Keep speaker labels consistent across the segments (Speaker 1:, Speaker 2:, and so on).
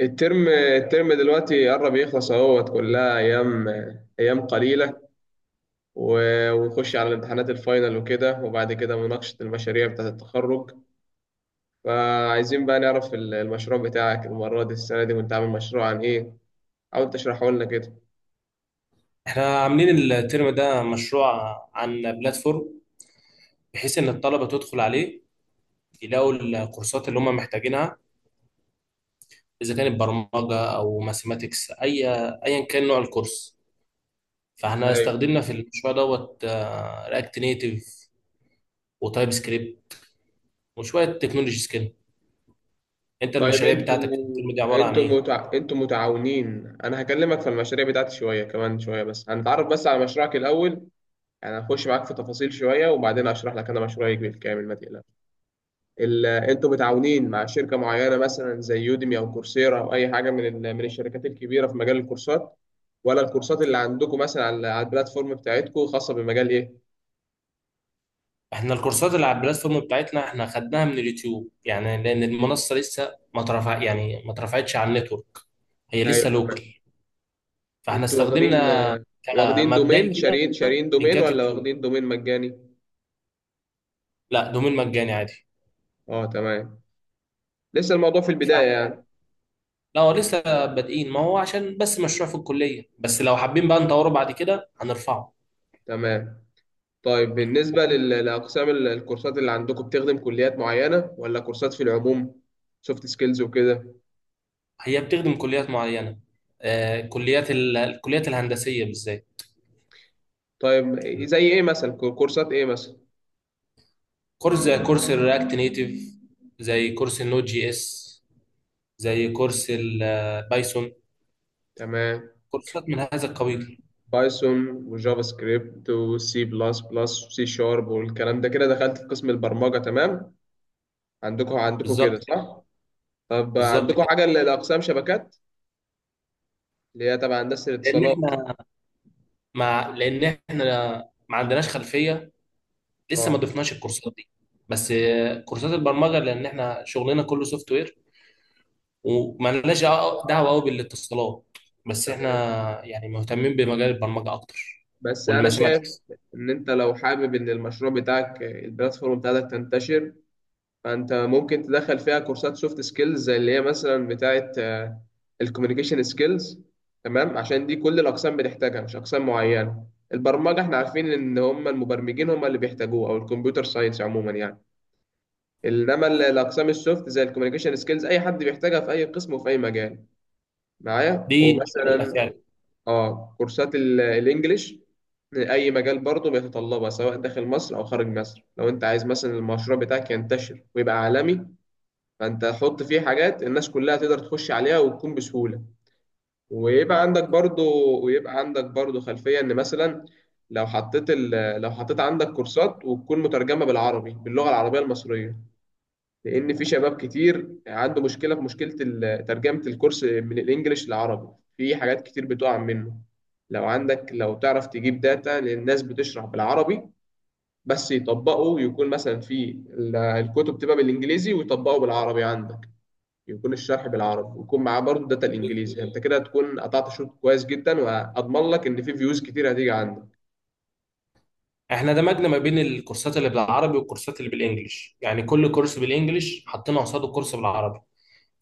Speaker 1: الترم دلوقتي قرب يخلص اهوت كلها ايام ايام قليله، و- ونخش على الامتحانات الفاينل وكده، وبعد كده مناقشه المشاريع بتاعه التخرج. فعايزين بقى نعرف المشروع بتاعك المره دي، السنه دي، وانت عامل مشروع عن ايه؟ حاول تشرحه لنا كده.
Speaker 2: احنا عاملين الترم ده مشروع عن بلاتفورم، بحيث ان الطلبه تدخل عليه يلاقوا الكورسات اللي هم محتاجينها، اذا كانت برمجه او ماثيماتكس، ايا كان نوع الكورس. فاحنا
Speaker 1: ايوه،
Speaker 2: استخدمنا في المشروع دوت رياكت نيتيف وتايب سكريبت وشويه تكنولوجيز كده. انت
Speaker 1: طيب
Speaker 2: المشاريع بتاعتك الترم دي عباره عن ايه؟
Speaker 1: انتوا متعاونين. انا هكلمك في المشاريع بتاعتي شويه كمان شويه، بس هنتعرف بس على مشروعك الاول، يعني هخش معاك في تفاصيل شويه، وبعدين اشرح لك انا مشروعي بالكامل ما تقلقش. انتوا متعاونين مع شركه معينه مثلا زي يوديمي او كورسيرا او اي حاجه من من الشركات الكبيره في مجال الكورسات؟ ولا الكورسات اللي عندكم مثلا على البلاتفورم بتاعتكم خاصه بمجال ايه؟
Speaker 2: احنا الكورسات اللي على البلاتفورم بتاعتنا احنا خدناها من اليوتيوب، يعني لان المنصه لسه ما ترفع، يعني ما اترفعتش على النتورك، هي
Speaker 1: ايوه،
Speaker 2: لسه لوكال. فاحنا
Speaker 1: انتوا واخدين
Speaker 2: استخدمنا
Speaker 1: واخدين
Speaker 2: كمبدئي
Speaker 1: دومين،
Speaker 2: كده
Speaker 1: شارين دومين
Speaker 2: لينكات
Speaker 1: ولا
Speaker 2: يوتيوب.
Speaker 1: واخدين دومين مجاني؟
Speaker 2: لا، دومين مجاني عادي.
Speaker 1: اه تمام، لسه الموضوع في البدايه
Speaker 2: فاحنا
Speaker 1: يعني.
Speaker 2: لا هو لسه بادئين، ما هو عشان بس مشروع في الكليه، بس لو حابين بقى نطوره بعد كده هنرفعه.
Speaker 1: تمام. طيب بالنسبه
Speaker 2: وكم-
Speaker 1: لاقسام الكورسات اللي عندكم، بتخدم كليات معينه ولا كورسات في العموم، سوفت سكيلز وكده؟
Speaker 2: هي بتخدم كليات معينه، كليات الكليات الهندسيه بالذات.
Speaker 1: طيب زي ايه مثلا؟ كورسات ايه مثلا؟
Speaker 2: كورس زي كورس الرياكت نيتيف، زي كورس النوت جي اس، زي كورس البايثون،
Speaker 1: تمام.
Speaker 2: كورسات من هذا
Speaker 1: مم.
Speaker 2: القبيل.
Speaker 1: بايثون وجافا سكريبت وسي بلس بلس وسي شارب والكلام ده، كده دخلت في قسم البرمجه، تمام؟ عندكم كده
Speaker 2: بالظبط.
Speaker 1: صح؟ طب
Speaker 2: بالظبط
Speaker 1: عندكم
Speaker 2: كده.
Speaker 1: حاجه لاقسام شبكات اللي هي تبع هندسه
Speaker 2: لان
Speaker 1: الاتصالات؟
Speaker 2: احنا لان احنا ما عندناش خلفيه، لسه ما
Speaker 1: اه
Speaker 2: ضفناش الكورسات دي. بس كورسات البرمجه، لان احنا شغلنا كله سوفت وير وما لناش دعوه قوي بالاتصالات. بس احنا
Speaker 1: تمام.
Speaker 2: يعني مهتمين بمجال البرمجه اكتر
Speaker 1: بس انا شايف
Speaker 2: والماثيماتكس.
Speaker 1: ان انت لو حابب ان المشروع بتاعك البلاتفورم بتاعتك تنتشر، فانت ممكن تدخل فيها كورسات سوفت سكيلز زي اللي هي مثلا بتاعه الكوميونيكيشن سكيلز، تمام؟ عشان دي كل الاقسام بتحتاجها، مش اقسام معينه. البرمجه احنا عارفين ان هم المبرمجين هم اللي بيحتاجوه، او الكمبيوتر ساينس عموما يعني. انما الاقسام السوفت زي الكوميونيكيشن سكيلز اي حد بيحتاجها في اي قسم وفي اي مجال معايا.
Speaker 2: دي حقيقه
Speaker 1: ومثلا
Speaker 2: فعلا.
Speaker 1: اه كورسات الانجليش، اي مجال برضه بيتطلبها سواء داخل مصر او خارج مصر. لو انت عايز مثلا المشروع بتاعك ينتشر ويبقى عالمي، فانت حط فيه حاجات الناس كلها تقدر تخش عليها وتكون بسهولة. ويبقى عندك برضو ويبقى عندك برضو خلفية ان مثلا لو حطيت ال... لو حطيت عندك كورسات وتكون مترجمة بالعربي، باللغة العربية المصرية، لان في شباب كتير عنده مشكلة، في مشكلة ترجمة الكورس من الانجليش للعربي، في حاجات كتير بتقع منه. لو عندك، لو تعرف تجيب داتا للناس بتشرح بالعربي بس يطبقوا، يكون مثلا في الكتب تبقى بالانجليزي ويطبقوا بالعربي عندك، يكون الشرح بالعربي ويكون معاه برضه داتا الانجليزي، يعني انت كده هتكون قطعت شوط كويس جدا، واضمن لك ان في فيوز كتير هتيجي عندك.
Speaker 2: احنا دمجنا ما بين الكورسات اللي بالعربي والكورسات اللي بالانجلش، يعني كل كورس بالانجلش حطينا قصاده كورس بالعربي.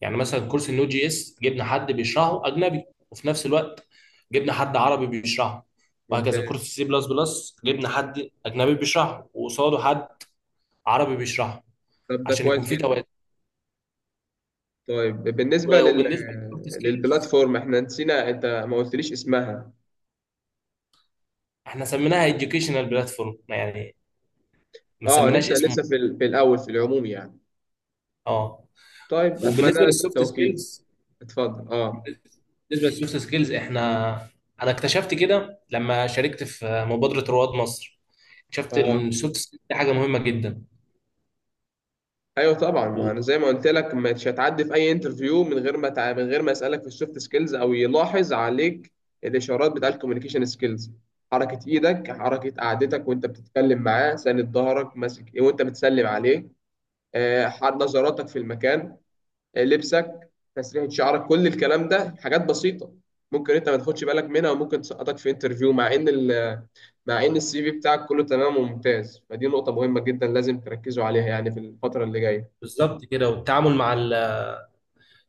Speaker 2: يعني مثلا كورس النود جي اس جبنا حد بيشرحه اجنبي، وفي نفس الوقت جبنا حد عربي بيشرحه. وهكذا
Speaker 1: ممتاز.
Speaker 2: كورس سي بلس بلس جبنا حد اجنبي بيشرحه وقصاده حد عربي بيشرحه،
Speaker 1: طب ده
Speaker 2: عشان يكون
Speaker 1: كويس
Speaker 2: في توازن.
Speaker 1: جدا. طيب بالنسبه
Speaker 2: وبالنسبه للسوفت سكيلز،
Speaker 1: للبلاتفورم، احنا نسينا انت ما قلتليش اسمها.
Speaker 2: احنا سميناها educational بلاتفورم يعني، ما
Speaker 1: اه
Speaker 2: سميناش
Speaker 1: لسه،
Speaker 2: اسمه.
Speaker 1: في الاول في العموم يعني.
Speaker 2: اه.
Speaker 1: طيب اتمنى
Speaker 2: وبالنسبه
Speaker 1: لك
Speaker 2: للسوفت
Speaker 1: التوفيق.
Speaker 2: سكيلز
Speaker 1: اتفضل اه.
Speaker 2: بالنسبه للسوفت سكيلز احنا، انا اكتشفت كده لما شاركت في مبادره رواد مصر، اكتشفت
Speaker 1: اه،
Speaker 2: ان السوفت سكيلز دي حاجه مهمه جدا.
Speaker 1: ايوه طبعا. ما انا زي ما قلت لك، مش هتعدي في اي انترفيو من غير ما تع... من غير ما اسالك في السوفت سكيلز، او يلاحظ عليك الاشارات بتاع الكوميونيكيشن سكيلز: حركه ايدك، حركه قعدتك وانت بتتكلم معاه، ساند ظهرك، ماسك ايه وانت بتسلم عليه، نظراتك في المكان، لبسك، تسريحه شعرك. كل الكلام ده حاجات بسيطه ممكن انت ما تاخدش بالك منها، وممكن تسقطك في انترفيو، مع مع ان السي في بتاعك كله تمام وممتاز. فدي نقطه مهمه جدا لازم تركزوا عليها يعني في الفتره اللي جايه.
Speaker 2: بالظبط كده، والتعامل مع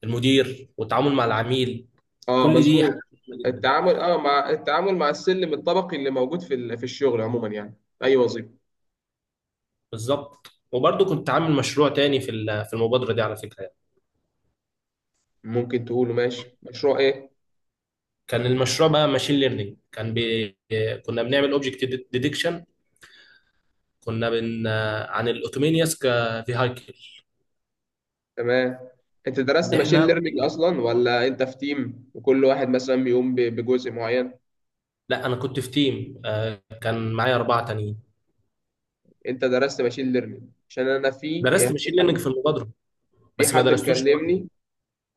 Speaker 2: المدير والتعامل مع العميل،
Speaker 1: اه
Speaker 2: كل دي حاجات
Speaker 1: مظبوط.
Speaker 2: مهمه جدا.
Speaker 1: التعامل مع السلم الطبقي اللي موجود في في الشغل عموما يعني في اي وظيفه.
Speaker 2: بالظبط. وبرضه كنت عامل مشروع تاني في في المبادره دي على فكره يعني.
Speaker 1: ممكن تقوله ماشي، مشروع ايه؟
Speaker 2: كان المشروع بقى ماشين ليرنينج. كنا بنعمل اوبجكت ديدكشن، كنا بن عن الاوتومينيوس كفيهايكل.
Speaker 1: تمام. انت
Speaker 2: ان
Speaker 1: درست ماشين
Speaker 2: احنا
Speaker 1: ليرنينج
Speaker 2: بن...
Speaker 1: اصلا، ولا انت في تيم وكل واحد مثلا بيقوم بجزء معين؟
Speaker 2: لا، انا كنت في تيم، كان معايا اربعه تانيين.
Speaker 1: انت درست ماشين ليرنينج؟ عشان انا في،
Speaker 2: درست
Speaker 1: يعني
Speaker 2: ماشين ليرنينج في المبادره
Speaker 1: في
Speaker 2: بس ما
Speaker 1: حد
Speaker 2: درستوش لوحدي.
Speaker 1: مكلمني.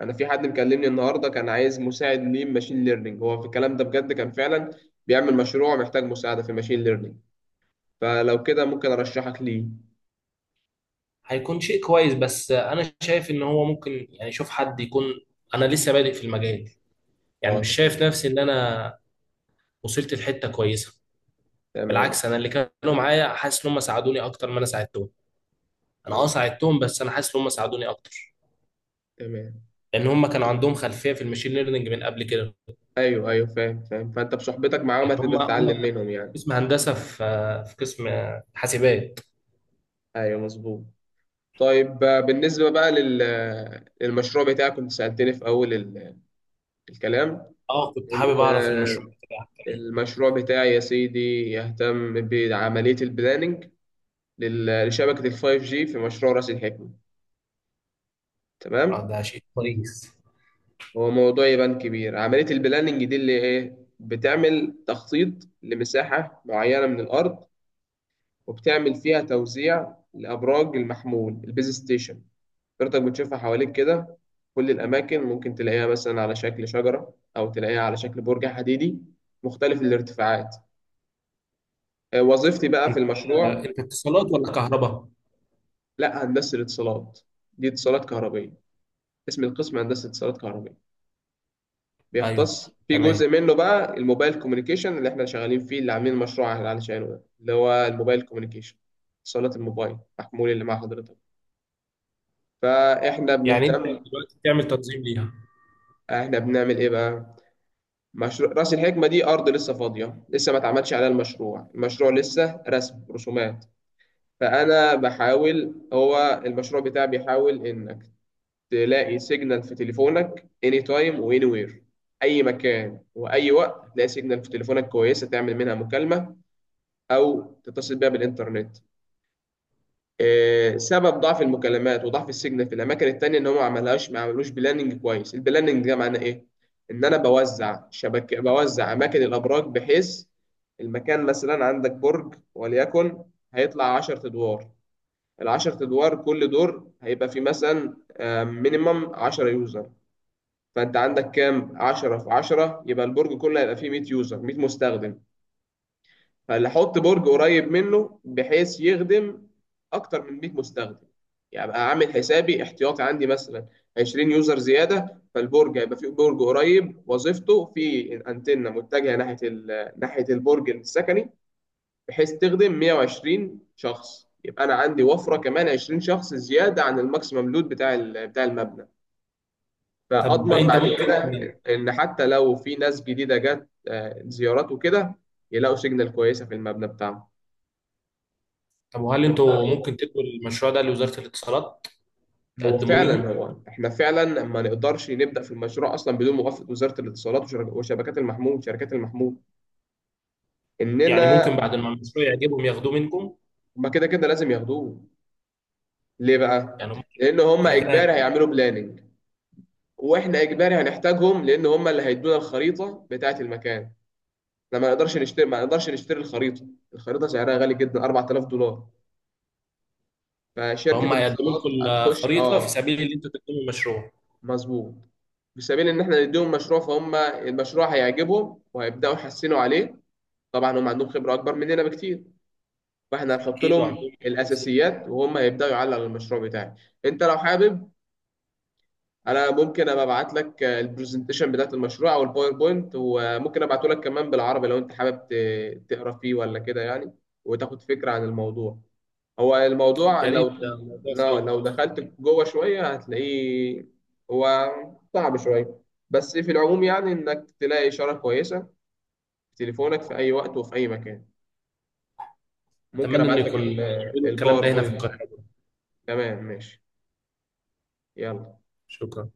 Speaker 1: انا في حد مكلمني النهارده كان عايز مساعد ليه ماشين ليرنينج، هو في الكلام ده بجد، كان فعلا بيعمل مشروع محتاج مساعده في الماشين ليرنينج. فلو كده ممكن ارشحك ليه.
Speaker 2: هيكون شيء كويس، بس انا شايف ان هو ممكن يعني شوف حد يكون، انا لسه بادئ في المجال، يعني
Speaker 1: اه
Speaker 2: مش
Speaker 1: تمام.
Speaker 2: شايف نفسي ان انا وصلت لحته كويسه.
Speaker 1: تمام.
Speaker 2: بالعكس انا اللي كانوا معايا حاسس ان هم ساعدوني اكتر ما انا ساعدتهم. انا اه
Speaker 1: تمام.
Speaker 2: ساعدتهم، بس انا حاسس ان هم ساعدوني اكتر،
Speaker 1: تمام.
Speaker 2: لان هم كانوا عندهم خلفيه في المشين ليرنينج من قبل كده.
Speaker 1: ايوه، ايوه، فاهم، فاهم. فانت بصحبتك معاهم
Speaker 2: لان
Speaker 1: هتبقى
Speaker 2: هم هم
Speaker 1: تتعلم منهم يعني.
Speaker 2: قسم هندسه في، في قسم حاسبات.
Speaker 1: ايوه مظبوط. طيب بالنسبه بقى لل آه، للمشروع بتاعك، كنت سالتني في اول الكلام.
Speaker 2: اه، كنت حابب
Speaker 1: ال-
Speaker 2: اعرف المشروع
Speaker 1: آه،
Speaker 2: بتاعك كان ايه.
Speaker 1: المشروع بتاعي يا سيدي يهتم بعمليه البلاننج لشبكه الفايف جي في مشروع راس الحكمه،
Speaker 2: اه
Speaker 1: تمام؟
Speaker 2: ده شيء كويس.
Speaker 1: هو موضوع يبان كبير. عمليه البلاننج دي اللي ايه، بتعمل تخطيط لمساحه معينه من الارض، وبتعمل فيها توزيع لأبراج المحمول، البيز ستيشن. حضرتك بتشوفها حواليك كده، كل الأماكن ممكن تلاقيها مثلا على شكل شجرة، أو تلاقيها على شكل برج حديدي، مختلف الارتفاعات. وظيفتي بقى في
Speaker 2: انت انت
Speaker 1: المشروع.
Speaker 2: اتصالات ولا كهرباء؟
Speaker 1: لا، هندسة الاتصالات دي اتصالات كهربية، اسم القسم هندسة اتصالات كهربية،
Speaker 2: ايوه،
Speaker 1: بيختص في
Speaker 2: تمام.
Speaker 1: جزء منه بقى الموبايل كوميونيكيشن، اللي احنا شغالين فيه اللي عاملين مشروع علشانه، ده اللي هو الموبايل كوميونيكيشن، اتصالات الموبايل، محمول اللي مع حضرتك. فاحنا
Speaker 2: يعني انت
Speaker 1: بنهتم،
Speaker 2: دلوقتي بتعمل تنظيم ليها؟
Speaker 1: احنا بنعمل ايه بقى؟ مشروع راس الحكمه دي ارض لسه فاضيه، لسه ما اتعملش عليها المشروع، المشروع لسه رسم، رسومات. فانا بحاول هو المشروع بتاعي بيحاول انك تلاقي سيجنال في تليفونك اني تايم واني وير، اي مكان واي وقت تلاقي سيجنال في تليفونك كويسه، تعمل منها مكالمه او تتصل بيها بالانترنت. سبب ضعف المكالمات وضعف السيجنال في الاماكن التانية ان هم ما عملوش بلاننج كويس. البلاننج ده معناه ايه؟ ان انا بوزع شبكه، بوزع اماكن الابراج بحيث المكان مثلا عندك برج وليكن هيطلع 10 ادوار، ال 10 ادوار كل دور هيبقى فيه مثلا مينيمم 10 يوزر، فانت عندك كام؟ 10 في 10 يبقى البرج كله هيبقى فيه 100 يوزر، 100 مستخدم. فاحط برج قريب منه بحيث يخدم اكتر من 100 مستخدم، يعني ابقى عامل حسابي احتياطي، عندي مثلا 20 يوزر زياده. فالبرج هيبقى فيه برج قريب وظيفته، في انتنه متجهه ناحيه ناحيه البرج السكني، بحيث تخدم 120 شخص، يبقى انا عندي وفره كمان 20 شخص زياده عن الماكسيمم لود بتاع بتاع المبنى،
Speaker 2: طب
Speaker 1: فاضمن
Speaker 2: انت
Speaker 1: بعد
Speaker 2: ممكن،
Speaker 1: كده ان حتى لو في ناس جديده جت، زيارات وكده، يلاقوا سيجنال كويسه في المبنى بتاعهم.
Speaker 2: طب وهل انتوا ممكن تدوا المشروع ده لوزارة الاتصالات،
Speaker 1: هو
Speaker 2: تقدموا
Speaker 1: فعلا
Speaker 2: ليهم؟
Speaker 1: هو احنا فعلا ما نقدرش نبدا في المشروع اصلا بدون موافقه وزاره الاتصالات وشر- وشبكات المحمول، شركات المحمول،
Speaker 2: يعني
Speaker 1: اننا
Speaker 2: ممكن بعد ما المشروع يعجبهم ياخدوه منكم؟
Speaker 1: هما كده كده لازم ياخدوه. ليه بقى؟
Speaker 2: يعني هم
Speaker 1: لان
Speaker 2: كده
Speaker 1: هما
Speaker 2: كده
Speaker 1: اجباري
Speaker 2: هياخدوه.
Speaker 1: هيعملوا بلاننج، واحنا اجباري هنحتاجهم، لان هما اللي هيدونا الخريطه بتاعه المكان. احنا ما نقدرش نشتري ما نقدرش نشتري الخريطه. الخريطه سعرها غالي جدا، 4000 دولار. فشركه
Speaker 2: فهم هيقدموا
Speaker 1: الاتصالات
Speaker 2: لكم
Speaker 1: هتخش.
Speaker 2: الخريطة في
Speaker 1: اه
Speaker 2: سبيل ان انتوا تقدموا المشروع.
Speaker 1: مظبوط، في سبيل ان احنا نديهم مشروع، فهم المشروع هيعجبهم وهيبداوا يحسنوا عليه. طبعا هم عندهم خبره اكبر مننا بكتير، فاحنا هنحط
Speaker 2: اكيد،
Speaker 1: لهم
Speaker 2: وعندهم مهندسين برضه.
Speaker 1: الاساسيات وهم هيبداوا يعلقوا المشروع بتاعي. انت لو حابب، انا ممكن ابقى ابعت لك البرزنتيشن بتاعت المشروع، او الباوربوينت، وممكن ابعته لك كمان بالعربي لو انت حابب تقرا فيه ولا كده يعني، وتاخد فكره عن الموضوع. هو الموضوع
Speaker 2: يا
Speaker 1: لو،
Speaker 2: ريت، ده موضوع
Speaker 1: لو
Speaker 2: شيق.
Speaker 1: دخلت جوه شوية هتلاقيه، هو صعب شوية، بس في العموم يعني إنك تلاقي إشارة كويسة في تليفونك في أي وقت وفي أي مكان. ممكن
Speaker 2: اتمنى ان
Speaker 1: أبعت لك
Speaker 2: يكون يعملوا الكلام ده هنا في
Speaker 1: الباوربوينت.
Speaker 2: القاهرة برضه.
Speaker 1: تمام ماشي، يلا.
Speaker 2: شكرا.